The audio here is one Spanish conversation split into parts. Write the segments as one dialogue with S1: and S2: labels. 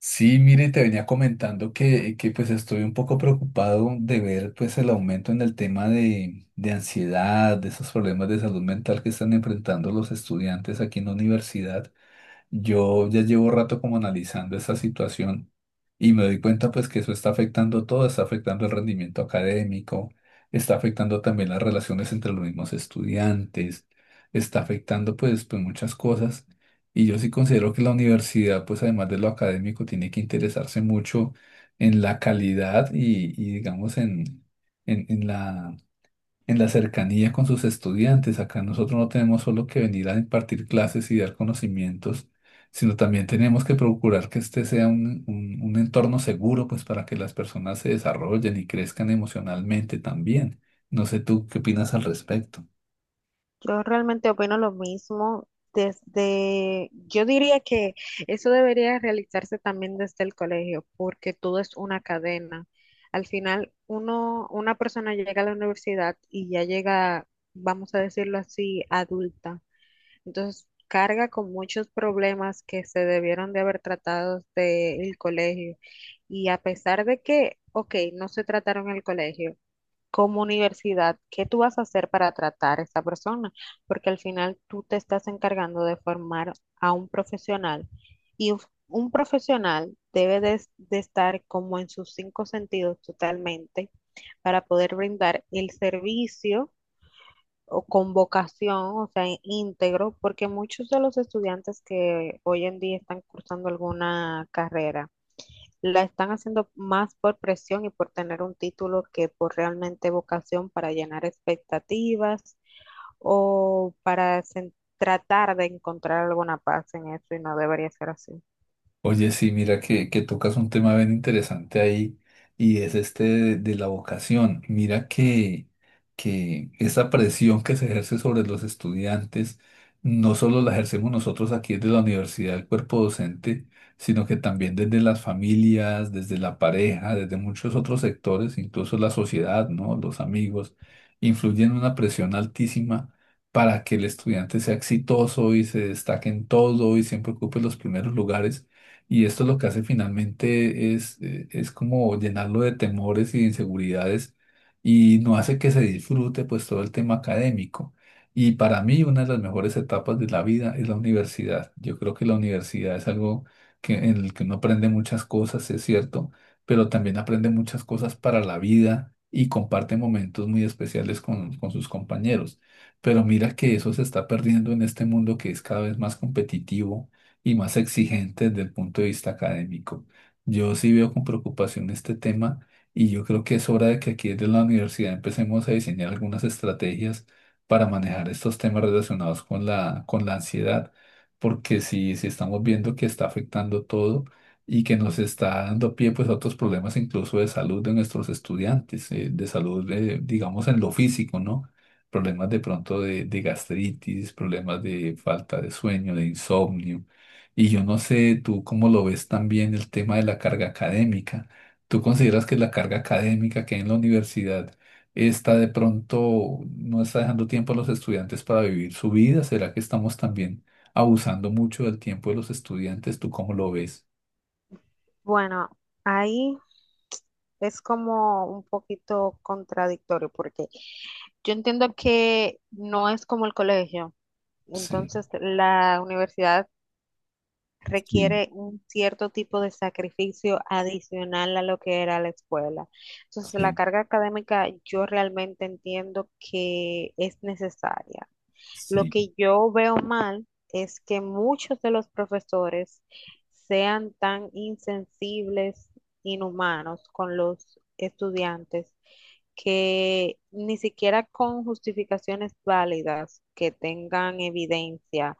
S1: Sí, mire, te venía comentando que pues estoy un poco preocupado de ver pues el aumento en el tema de ansiedad, de esos problemas de salud mental que están enfrentando los estudiantes aquí en la universidad. Yo ya llevo rato como analizando esa situación y me doy cuenta pues que eso está afectando todo, está afectando el rendimiento académico, está afectando también las relaciones entre los mismos estudiantes, está afectando pues muchas cosas y yo sí considero que la universidad pues además de lo académico tiene que interesarse mucho en la calidad y digamos en, en la en la cercanía con sus estudiantes. Acá nosotros no tenemos solo que venir a impartir clases y dar conocimientos, sino también tenemos que procurar que este sea un entorno seguro, pues para que las personas se desarrollen y crezcan emocionalmente también. No sé tú qué opinas al respecto.
S2: Yo realmente opino lo mismo. Yo diría que eso debería realizarse también desde el colegio, porque todo es una cadena. Al final, una persona llega a la universidad y ya llega, vamos a decirlo así, adulta. Entonces, carga con muchos problemas que se debieron de haber tratado desde el colegio. Y a pesar de que, ok, no se trataron en el colegio como universidad, ¿qué tú vas a hacer para tratar a esa persona? Porque al final tú te estás encargando de formar a un profesional y un profesional debe de estar como en sus cinco sentidos totalmente para poder brindar el servicio o con vocación, o sea, íntegro, porque muchos de los estudiantes que hoy en día están cursando alguna carrera, la están haciendo más por presión y por tener un título que por realmente vocación para llenar expectativas o para tratar de encontrar alguna paz en eso y no debería ser así.
S1: Oye, sí, mira que tocas un tema bien interesante ahí y es este de la vocación. Mira que esa presión que se ejerce sobre los estudiantes no solo la ejercemos nosotros aquí desde la universidad, el cuerpo docente, sino que también desde las familias, desde la pareja, desde muchos otros sectores, incluso la sociedad, ¿no? Los amigos, influyen una presión altísima para que el estudiante sea exitoso y se destaque en todo y siempre ocupe los primeros lugares. Y esto lo que hace finalmente es como llenarlo de temores y de inseguridades y no hace que se disfrute pues todo el tema académico. Y para mí una de las mejores etapas de la vida es la universidad. Yo creo que la universidad es algo que, en el que uno aprende muchas cosas, es cierto, pero también aprende muchas cosas para la vida y comparte momentos muy especiales con sus compañeros. Pero mira que eso se está perdiendo en este mundo que es cada vez más competitivo y más exigentes desde el punto de vista académico. Yo sí veo con preocupación este tema y yo creo que es hora de que aquí desde la universidad empecemos a diseñar algunas estrategias para manejar estos temas relacionados con la ansiedad, porque si estamos viendo que está afectando todo y que nos está dando pie pues a otros problemas incluso de salud de nuestros estudiantes, de salud, digamos, en lo físico, ¿no? Problemas de pronto de gastritis, problemas de falta de sueño, de insomnio. Y yo no sé tú cómo lo ves también el tema de la carga académica. ¿Tú consideras que la carga académica que hay en la universidad está de pronto, no está dejando tiempo a los estudiantes para vivir su vida? ¿Será que estamos también abusando mucho del tiempo de los estudiantes? ¿Tú cómo lo ves?
S2: Bueno, ahí es como un poquito contradictorio porque yo entiendo que no es como el colegio,
S1: Sí,
S2: entonces la universidad
S1: sí,
S2: requiere un cierto tipo de sacrificio adicional a lo que era la escuela. Entonces, la
S1: sí,
S2: carga académica yo realmente entiendo que es necesaria. Lo
S1: sí.
S2: que yo veo mal es que muchos de los profesores sean tan insensibles, inhumanos con los estudiantes, que ni siquiera con justificaciones válidas que tengan evidencia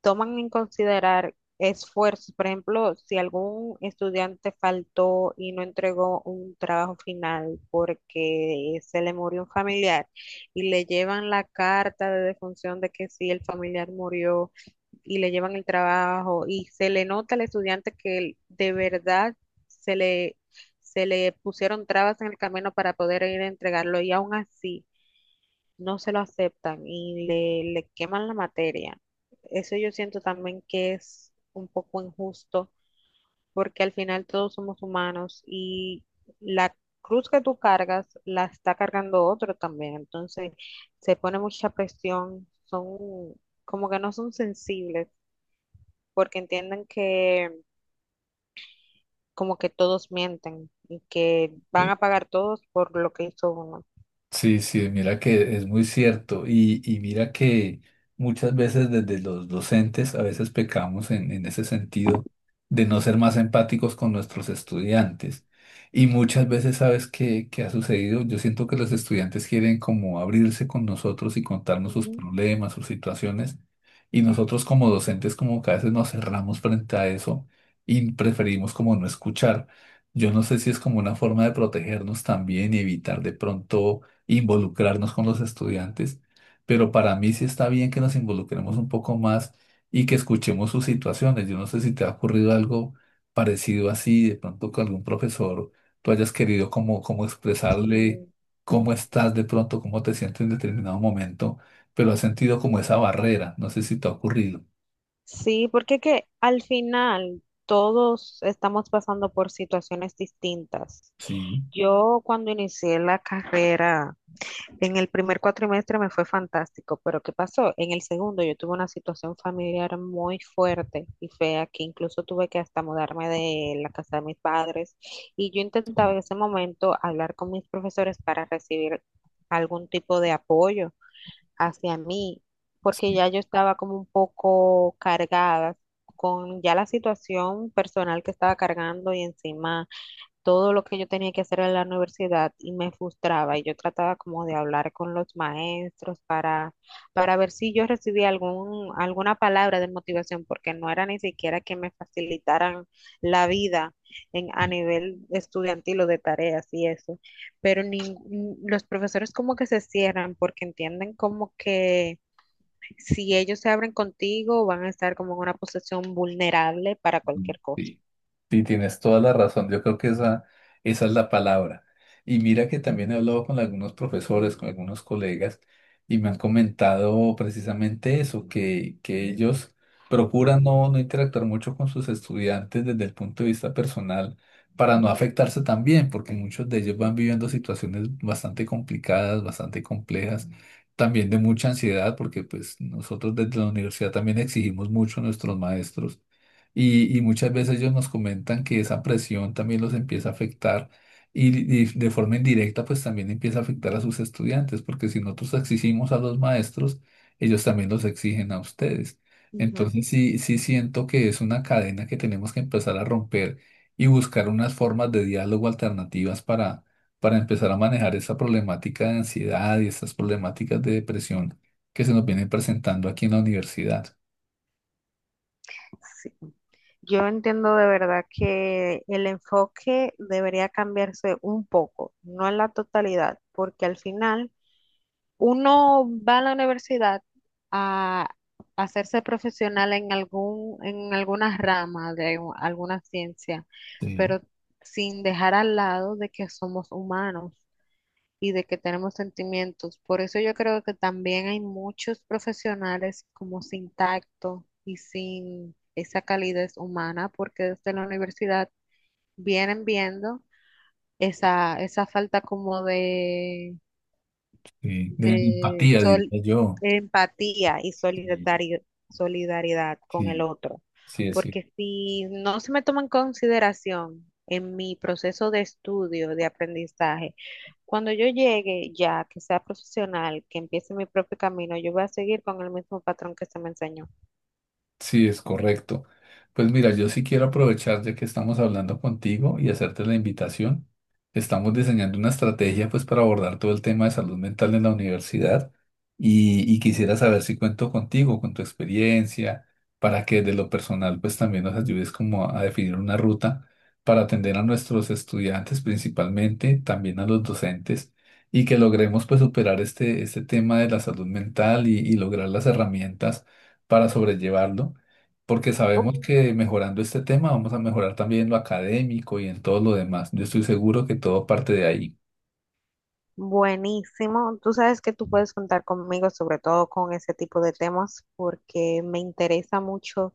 S2: toman en considerar esfuerzos. Por ejemplo, si algún estudiante faltó y no entregó un trabajo final porque se le murió un familiar y le llevan la carta de defunción de que sí, el familiar murió y le llevan el trabajo y se le nota al estudiante que él de verdad se le... se le pusieron trabas en el camino para poder ir a entregarlo y aún así no se lo aceptan y le queman la materia. Eso yo siento también que es un poco injusto porque al final todos somos humanos y la cruz que tú cargas la está cargando otro también. Entonces se pone mucha presión, son como que no son sensibles porque entienden que como que todos mienten y que van
S1: Sí.
S2: a pagar todos por lo que hizo uno.
S1: Sí, sí, mira que es muy cierto y mira que muchas veces desde los docentes a veces pecamos en ese sentido de no ser más empáticos con nuestros estudiantes. Y muchas veces, ¿sabes qué ha sucedido? Yo siento que los estudiantes quieren como abrirse con nosotros y contarnos sus
S2: Ujú.
S1: problemas, sus situaciones, y nosotros como docentes como que a veces nos cerramos frente a eso y preferimos como no escuchar. Yo no sé si es como una forma de protegernos también y evitar de pronto involucrarnos con los estudiantes, pero para mí sí está bien que nos involucremos un poco más y que escuchemos sus situaciones. Yo no sé si te ha ocurrido algo parecido así, de pronto con algún profesor, tú hayas querido como expresarle cómo estás de pronto, cómo te sientes en determinado momento, pero has sentido como esa barrera, no sé si te ha ocurrido.
S2: Sí, porque que al final todos estamos pasando por situaciones distintas.
S1: Sí,
S2: Yo cuando inicié la carrera, en el primer cuatrimestre me fue fantástico, pero ¿qué pasó? En el segundo yo tuve una situación familiar muy fuerte y fea que incluso tuve que hasta mudarme de la casa de mis padres y yo intentaba
S1: sí,
S2: en ese momento hablar con mis profesores para recibir algún tipo de apoyo hacia mí, porque
S1: sí,
S2: ya yo estaba como un poco cargada con ya la situación personal que estaba cargando y encima todo lo que yo tenía que hacer en la universidad y me frustraba y yo trataba como de hablar con los maestros para, ver si yo recibía alguna palabra de motivación, porque no era ni siquiera que me facilitaran la vida en, a nivel estudiantil o de tareas y eso, pero los profesores como que se cierran porque entienden como que si ellos se abren contigo van a estar como en una posición vulnerable para
S1: sí,
S2: cualquier cosa.
S1: sí. Sí, tienes toda la razón. Yo creo que esa es la palabra. Y mira que también he hablado con algunos profesores, con algunos colegas, y me han comentado precisamente eso, que ellos procuran no interactuar mucho con sus estudiantes desde el punto de vista personal para no afectarse también, porque muchos de ellos van
S2: Ujú,
S1: viviendo situaciones bastante complicadas, bastante complejas, también de mucha ansiedad, porque pues nosotros desde la universidad también exigimos mucho a nuestros maestros y muchas veces ellos nos comentan que esa presión también los empieza a afectar y de forma indirecta pues también empieza a afectar a sus estudiantes, porque si nosotros exigimos a los maestros, ellos también los exigen a ustedes.
S2: ujú.
S1: Entonces sí, sí siento que es una cadena que tenemos que empezar a romper y buscar unas formas de diálogo alternativas para empezar a manejar esa problemática de ansiedad y estas problemáticas de depresión que se nos vienen presentando aquí en la universidad.
S2: Yo entiendo de verdad que el enfoque debería cambiarse un poco, no en la totalidad, porque al final uno va a la universidad a hacerse profesional en en alguna rama alguna ciencia,
S1: Sí,
S2: pero sin dejar al lado de que somos humanos y de que tenemos sentimientos. Por eso yo creo que también hay muchos profesionales como sin tacto y sin esa calidez humana, porque desde la universidad vienen viendo esa falta como de
S1: sí, de
S2: de
S1: empatía, diría yo.
S2: empatía y
S1: Sí,
S2: solidaridad con el
S1: sí,
S2: otro.
S1: sí, sí.
S2: Porque si no se me toma en consideración en mi proceso de estudio, de aprendizaje, cuando yo llegue ya, que sea profesional, que empiece mi propio camino, yo voy a seguir con el mismo patrón que se me enseñó.
S1: Sí, es correcto. Pues mira, yo sí quiero aprovechar ya que estamos hablando contigo y hacerte la invitación. Estamos diseñando una estrategia pues para abordar todo el tema de salud mental en la universidad y quisiera saber si cuento contigo, con tu experiencia, para que de lo personal pues también nos ayudes como a definir una ruta para atender a nuestros estudiantes principalmente, también a los docentes y que logremos pues superar este, este tema de la salud mental y lograr las herramientas para sobrellevarlo, porque
S2: Uh,
S1: sabemos que mejorando este tema vamos a mejorar también lo académico y en todo lo demás. Yo estoy seguro que todo parte de ahí.
S2: Buenísimo. Tú sabes que tú puedes contar conmigo, sobre todo con ese tipo de temas, porque me interesa mucho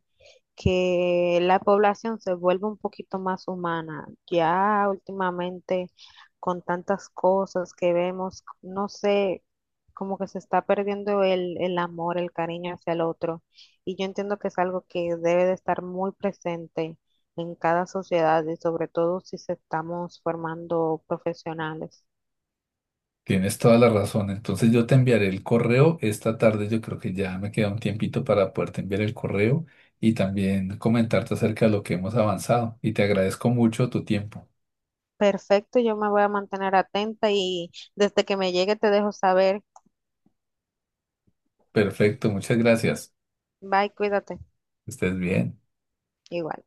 S2: que la población se vuelva un poquito más humana. Ya últimamente, con tantas cosas que vemos, no sé, como que se está perdiendo el amor, el cariño hacia el otro. Y yo entiendo que es algo que debe de estar muy presente en cada sociedad y sobre todo si se estamos formando profesionales.
S1: Tienes toda la razón. Entonces yo te enviaré el correo esta tarde. Yo creo que ya me queda un tiempito para poderte enviar el correo y también comentarte acerca de lo que hemos avanzado. Y te agradezco mucho tu tiempo.
S2: Perfecto, yo me voy a mantener atenta y desde que me llegue te dejo saber.
S1: Perfecto, muchas gracias.
S2: Bye, cuídate.
S1: Que estés bien.
S2: Igual.